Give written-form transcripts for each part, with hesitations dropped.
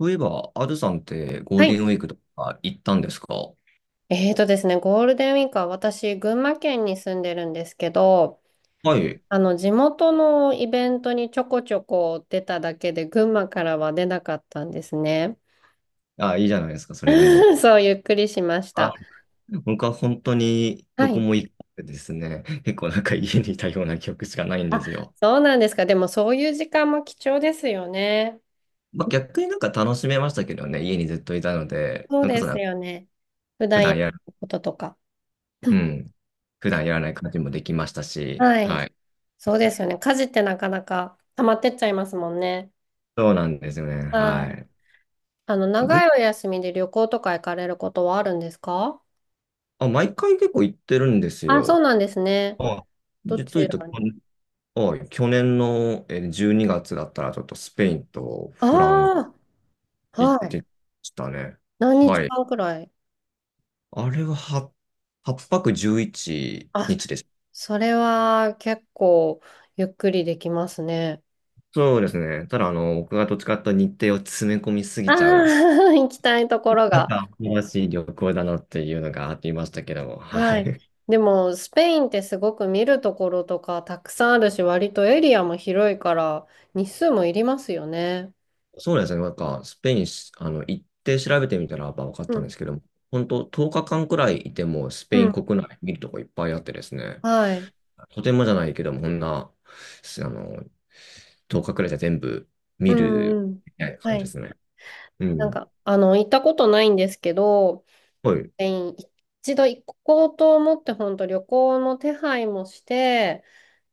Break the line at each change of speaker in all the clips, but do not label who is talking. そういえば、アドさんってゴー
は
ルデン
い。
ウィークとか行ったんですか？
えーとですね、ゴールデンウィークは私、群馬県に住んでるんですけど、
はい。
地元のイベントにちょこちょこ出ただけで、群馬からは出なかったんですね。
あ、いいじゃないですか、それでも。
そう、ゆっくりしました。
僕は本当に
は
どこ
い。
も行ってですね、結構なんか家にいたような記憶しかないんで
あ、
すよ。
そうなんですか。でも、そういう時間も貴重ですよね。
まあ、逆になんか楽しめましたけどね、家にずっといたので、
そう
それこ
で
そな
す
んか
よね。普
普
段や
段
る
やる、
こととか。
うん、普段やらない感じもできましたし、
はい。
はい。
そうですよね。家事ってなかなか溜まってっちゃいますもんね。
そうなんですよね、
はい。
はい。
長いお休みで旅行とか行かれることはあるんですか？
あ、毎回結構行ってるんです
あ、そう
よ。
なんですね。
あ、
ど
実
ち
を言うと、
らに？
はい、去年の12月だったら、ちょっとスペインとフランス
ああ、
行っ
はい。
てましたね。
何日
はい。
間くらい？
あれは8泊11
あ、
日です。
それは結構ゆっくりできますね。
そうですね。ただ、あの、僕がどっちかというと日程を詰め込みす
あ
ぎちゃう人、
あ、行きたいところ
なん
が。
か、新しい旅行だなっていうのがあっていましたけども、は
はい。
い。
でも、スペインってすごく見るところとかたくさんあるし、割とエリアも広いから、日数もいりますよね。
そうですね。なんか、スペイン行って調べてみたら、やっぱ分かっ
う
たんで
ん。
すけども、本当10日間くらいいても、ス
う
ペイン
ん。
国内見るとこいっぱいあってですね。
はい。
とてもじゃないけども、こんな、すあの、10日くらいじゃ全部
う
見
ん
る
うん。
みたいな
は
感じで
い。
すね。うん。
行ったことないんですけど、
はい。
スペイン一度行こうと思って、本当旅行の手配もして、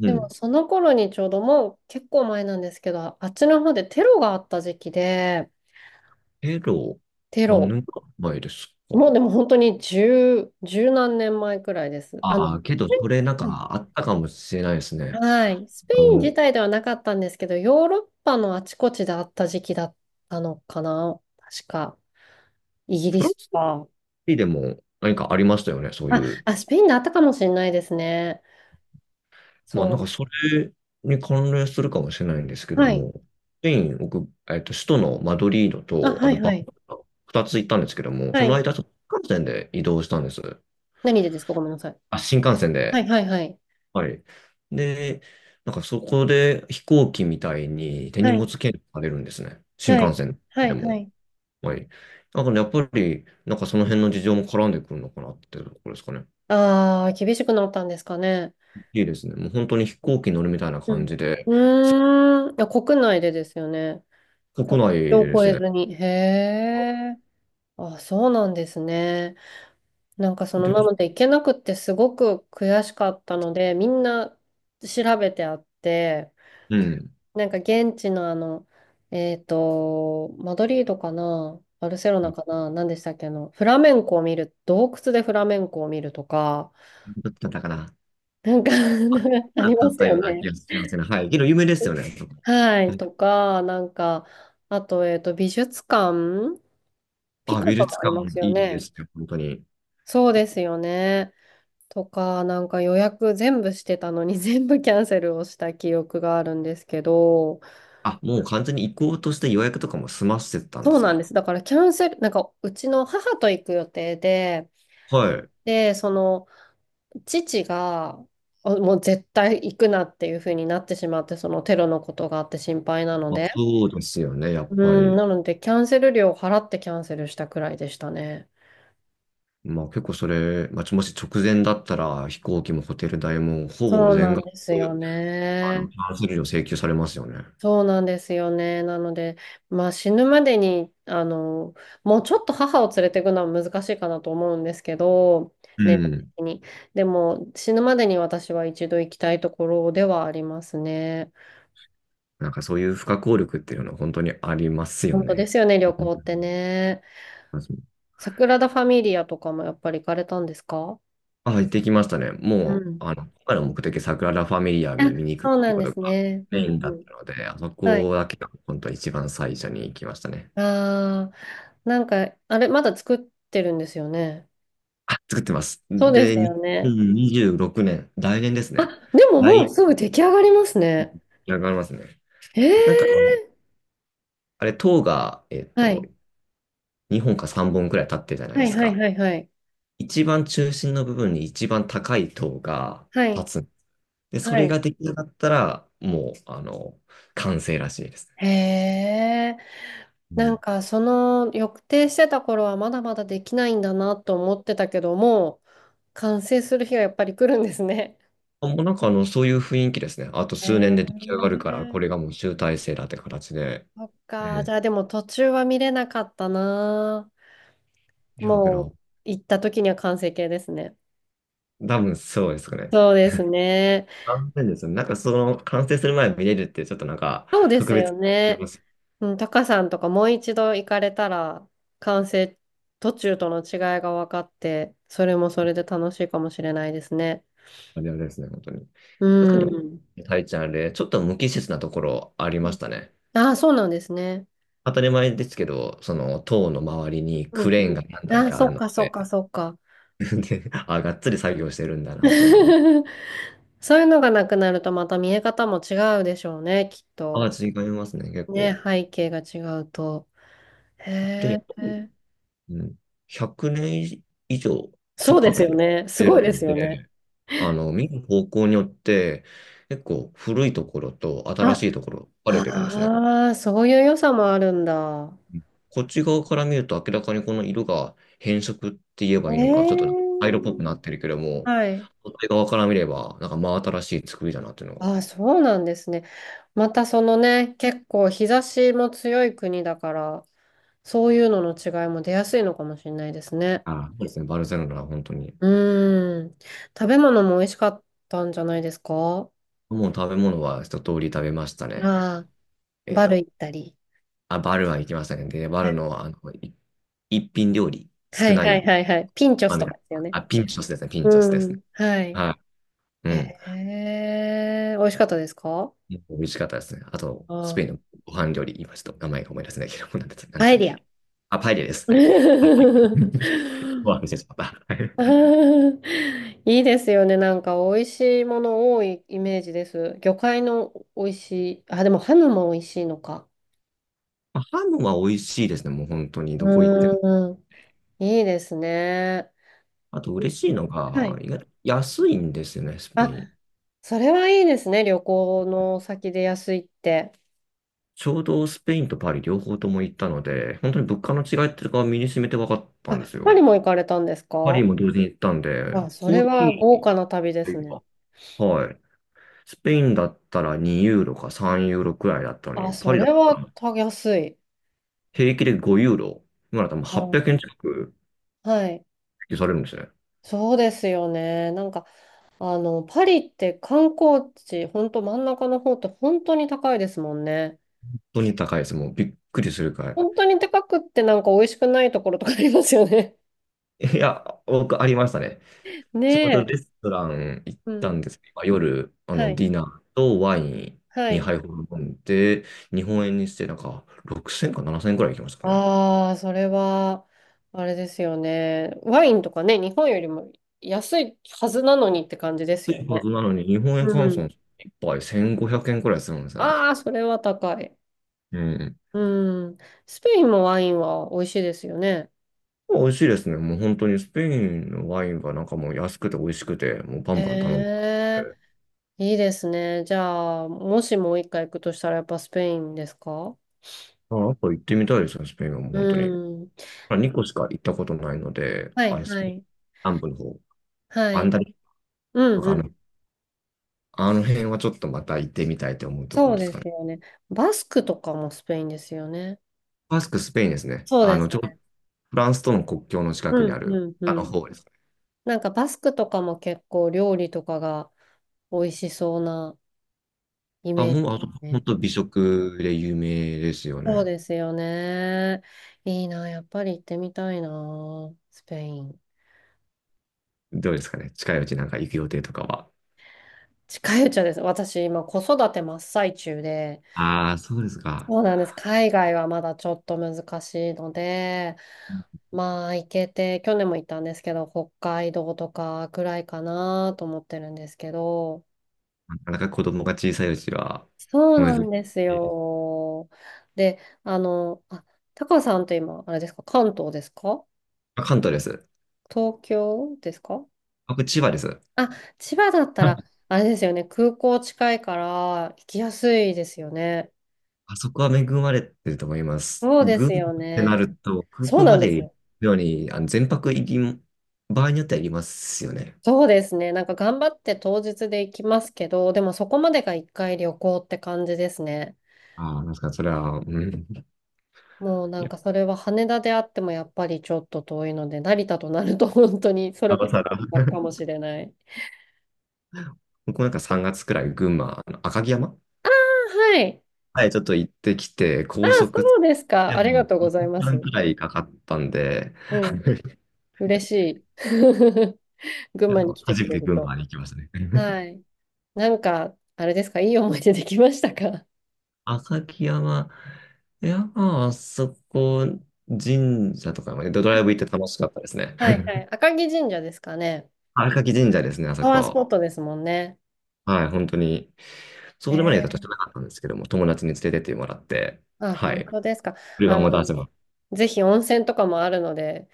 う
でも
ん。
その頃にちょうどもう結構前なんですけど、あっちの方でテロがあった時期で、
けど、
テ
何
ロ、
年か前ですか？
もうでも本当に十、十何年前くらいです。
ああ、けど、それなんかあったかもしれないですね。
はい、スペ
あ
イン
の、
自体ではなかったんですけど、ヨーロッパのあちこちであった時期だったのかな、確か。イギリ
フラン
ス
ス
か。
でも何かありましたよね、そうい
あ、
う。
あ、スペインであったかもしれないですね。
まあ、なんか
そ
それに関連するかもしれないんですけ
う。
ど
はい。
も、スペイン、僕、首都のマドリード
あ、
と、
は
あと
い、
バ
は
ルセ
い。
ロナ、二つ行ったんですけども、
は
その
い。
間、ちょっと新幹線で移動したんです。
何でですかごめんなさい。
あ、新幹線
は
で。
いはいはい。
はい。で、なんかそこで飛行機みたいに手
は
荷物
い。
検査されるんですね。新
は
幹
い。
線
は
で
いは
も。
い。
はい。だからやっぱり、なんかその辺の事情も絡んでくるのかなっていうところですかね。
ああ、厳しくなったんですかね。
いいですね。もう本当に飛行機に乗るみたいな
う
感
ん。
じで、
うーん。いや、国内でですよね。
国
国
内で
境
で
を
す
越え
ね。
ずに。へえ。あ、そうなんですね。な
で、
ので行けなくってすごく悔しかったので、みんな調べてあって、
うん。
現地のマドリードかな、バルセロナかな、何でしたっけ、フラメンコを見る、洞窟でフラメンコを見るとか、
だったかな。
なんか あり
だ
ま
っ
す
た
よ
ような気
ね。
がしますね。はい。けど有名ですよね。
は
う
い、
ん
とか、なんか、あと、美術館、ピカ
美
ソ
術
もあり
館
ま
もい
すよ
いで
ね。
すね。本当に。
そうですよね。とか、予約全部してたのに 全部キャンセルをした記憶があるんですけど、
あ、もう完全に移行として予約とかも済ませてたんで
そう
す
なん
か？
です。だからキャンセル、なんかうちの母と行く予定で、
はい。
で、その父があもう絶対行くなっていう風になってしまって、そのテロのことがあって心配なの
まあ、
で、
そうですよね、やっ
う
ぱ
ん、
り。
なのでキャンセル料を払ってキャンセルしたくらいでしたね。
まあ結構それ、まあ、もし直前だったら飛行機もホテル代もほぼ
そう
全
なん
額、
ですよね。
キャンセル料請求されますよね。
そうなんですよね。なので、まあ死ぬまでに、もうちょっと母を連れていくのは難しいかなと思うんですけど、
う
年齢
ん。
的に。でも死ぬまでに私は一度行きたいところではありますね。
なんかそういう不可抗力っていうのは本当にありますよ
本当で
ね。
すよね、旅
うん
行ってね。サグラダ・ファミリアとかもやっぱり行かれたんですか？
あ、行ってきましたね。
う
も
ん。
う、あの、今回の目的、サグラダ・ファミリア
あ、
に見に行くっ
そう
て
な
いう
ん
こ
で
と
す
が
ね。う
メイ
ん
ン
う
だっ
ん。
たので、あそ
はい。
こだけが本当一番最初に行きましたね。
ああ、なんか、あれ、まだ作ってるんですよね。
あ、作ってます。
そうで
で、
すよね。
2026年、来年です
あ、
ね。
でももう
来、
すぐ出来上がりますね。
上がりますね。
へ
なんか
え。
あれ、塔が、
はい。
2本か3本くらい立ってるじゃない
は
で
い
す
はい
か。
はいはい。
一番中心の部分に一番高い塔が
はい。
立つ。で、そ
は
れ
い。
が出来上がったら、もう、完成らしいです。
へえ。
うん
抑定してた頃はまだまだできないんだなと思ってたけども、完成する日がやっぱり来るんですね。
あもうなんかそういう雰囲気ですね。あと
え
数年で出来上がるから、こ
ー、
れがもう集大成だって形で。
そっ
う
か。じゃ
ん。
あでも途中は見れなかったな。
いや、け
も
ど、
う行った時には完成形ですね。
多分そうですかね。
そうですね。
残念ですね。なんかその完成する前に見れるってちょっとなんか
そうで
特
すよ
別あり
ね。
ます。
うん、タカさんとかもう一度行かれたら完成途中との違いが分かって、それもそれで楽しいかもしれないですね。
あれですね、本当に。確
う
か
ん。
に、タイちゃんあれ、ちょっと無機質なところありましたね。
ああ、そうなんですね。
当たり前ですけど、その塔の周りに
う
ク
ん
レーン
う
が何
ん。
台
ああ、
かあ
そ
る
っ
の
かそっ
で、
かそっか。
で、あ、がっつり作業してるんだなっていうのは。
そういうのがなくなるとまた見え方も違うでしょうね、きっ
まあ、
と。
違いますね、結
ね、
構。
背景が違うと。
で、
へえ。
うん、100年以上ちょ
そ
っと
うで
か
す
けて
よね。すごい
る
です
ん
よ
で、
ね。
見る方向によって、結構古いところと新
あ、
しいところ分かれてるんですね。
ああ、そういう良さもあるんだ。
うん。こっち側から見ると明らかにこの色が変色って言えばい
え
いのか、ちょっと灰色っぽ
え。
くなってるけども、
はい。
反対側から見れば、なんか真新しい作りだなっていうのが。
ああ、そうなんですね。またそのね、結構日差しも強い国だから、そういうのの違いも出やすいのかもしれないですね。
あ、そうですね、バルセロナは本当に。
うーん。食べ物も美味しかったんじゃないですか？
もう食べ物は一通り食べましたね。
ああ、
えっ
バル
と、
行ったり。
あ、バルは行きましたね。で、バルの、一品料理、
は
少
い
な
はい
い、
はいはいはい。ピンチョ
ま
ス
あ、み
と
た
か
い
で
な。
すよね。
あ、ピンチョスですね、ピン
う
チョスです
ん。
ね。
はい。
はい。う
へ
ん。
え、美味しかったですか？
美味しかったですね。あと、
あ
スペイン
あ、
のご飯料理、今ちょっと名前が思い出せないけど、何でした何で
パ
した
エ
っ
リア。
けあ、パエリアです。はい。ご飯ですてしまった。は
あ
い。
ーいいですよね。美味しいもの多いイメージです。魚介の美味しい。あ、でもハムも美味しいのか。
あ、ハムは美味しいですね。もう本当に、どこ行っても。
うーん。いいですね。
あと、嬉しいの
は
が、
い。
意外と安いんですよね、スペ
あ、
イン。
それはいいですね。旅行の先で安いって。
ちょうどスペインとパリ両方とも行ったので、本当に物価の違いっていうのが身に染めて分かった
あ、
んです
パリ
よ。
も行かれたんです
パリ
か？
も同時に行ったんで、
あ、そ
コ
れ
ーヒ
は豪
ー
華な旅で
とい
す
う
ね。
か、はい。スペインだったら2ユーロか3ユーロくらいだったの
あ、
に、パ
そ
リだ
れ
った
は
ら
た安い。
平気で5ユーロ。今だともう800
あ、
円近く
はい。
支給されるんですね。本
そうですよね。パリって観光地、ほんと真ん中の方って本当に高いですもんね。
当に高いです。もうびっくりするくらい。
本当に高くって美味しくないところとかありますよね。
いや、僕ありましたね。
ね
ちょうど
え。
レストラン行っ
う
た
ん。
んですけど、まあ夜、
はい。
ディナーとワイン
はい。
2杯ほど飲んで、日本円にしてなんか6000か7000円くらい行きましたかね。
ああ、それは、あれですよね。ワインとかね、日本よりも安いはずなのにって感じです
安
よ
いは
ね。
ずなのに、日本円
う
換算
ん。
一杯1500円くえんくらいするんですね。
ああ、それは高い。
うん。
うん。スペインもワインは美味しいですよね。
美味しいですね。もう本当にスペインのワインがなんかもう安くて美味しくて、もうバ
へ
ンバン頼む。
え、いいですね。じゃあ、もしもう一回行くとしたらやっぱスペインですか？
あ、あと行ってみたいですね、スペインはもう
う
本当に。
ん。
まあ、2個しか行ったことないので、
はい
ス
は
ペイン
い。
南部の方、
は
アン
い。
ダリ
う
と
ん
か
うん。
あの辺はちょっとまた行ってみたいと思うとこ
そ
ろ
う
です
で
か
す
ね。
よね。バスクとかもスペインですよね。
バスク、スペインですね。
そうですよね。
フランスとの国境の近くに
う
あ
ん
る、
うん
あ
う
の
ん。
方ですね。
バスクとかも結構料理とかが美味しそうなイ
あ、
メージ
もう、あと、本
ね。
当美食で有名ですよ
そう
ね。
ですよね。いいな、やっぱり行ってみたいな、スペイン。
どうですかね。近いうちなんか行く予定とかは？
近いうちはです。私、今、子育て真っ最中で、
ああ、そうですか。
そうなんです。海外はまだちょっと難しいので、まあ、行けて、去年も行ったんですけど、北海道とかくらいかなと思ってるんですけど、
なかなか子供が小さいうちは、
そう
難
な
し
んです
いです。
よ。で、あの、あ、タカさんって今、あれですか、関東ですか？
あ、関東です。
東京ですか？
僕、千葉です。
あ、千葉だったら、あれですよね、空港近いから行きやすいですよね。
あそこは恵まれてると思います。
そうで
群
す
馬っ
よ
てな
ね。
ると、空
そう
港
な
ま
んで
で
す
行く
よ。
ように、全泊行きも、場合によっては行きますよね。
そうですね。頑張って当日で行きますけど、でもそこまでが一回旅行って感じですね。
ああ、なんかそれは、うん。
もうな
い
ん
や、
かそれは羽田であってもやっぱりちょっと遠いので、成田となると 本当にそ
な
れこ
お
そ
さら。
だかもしれない。
僕もなんか3月くらい群馬、あの赤城山
あはい。
はい、ちょっと行ってきて、
あ、
高速
そうですか。
で
ありが
も
とうご
1
ざいま
時間
す。
くらいかかったんで、
う
あの、
ん。嬉しい。群馬に来て
初
く
め
れ
て
る
群
と。
馬に行きましたね。
は い。なんか、あれですか、いい思い出できましたか？
赤城山、いや、まあ、あそこ、神社とかまでドラ
あ
イブ行って楽しかったですね。
はいはい。赤城神社ですかね。
あ、荒垣神社ですね、あそ
パワースポ
こ。
ットですもんね。
はい、本当に。それまでだと知
え
らな
え。
かったんですけども、友達に連れてってもらって、
あ、
は
本
い、
当ですか。あ
車も出し
の、
てます。
ぜひ温泉とかもあるので、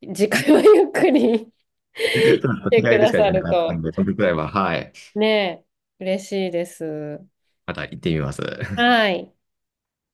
次回はゆっくり
ちょっと
来て
気
く
合で
だ
しか
さ
行けな
る
かったん
と、
で、その時くらいは、はい、
ねえ、嬉しいです。
また行ってみます。
はい。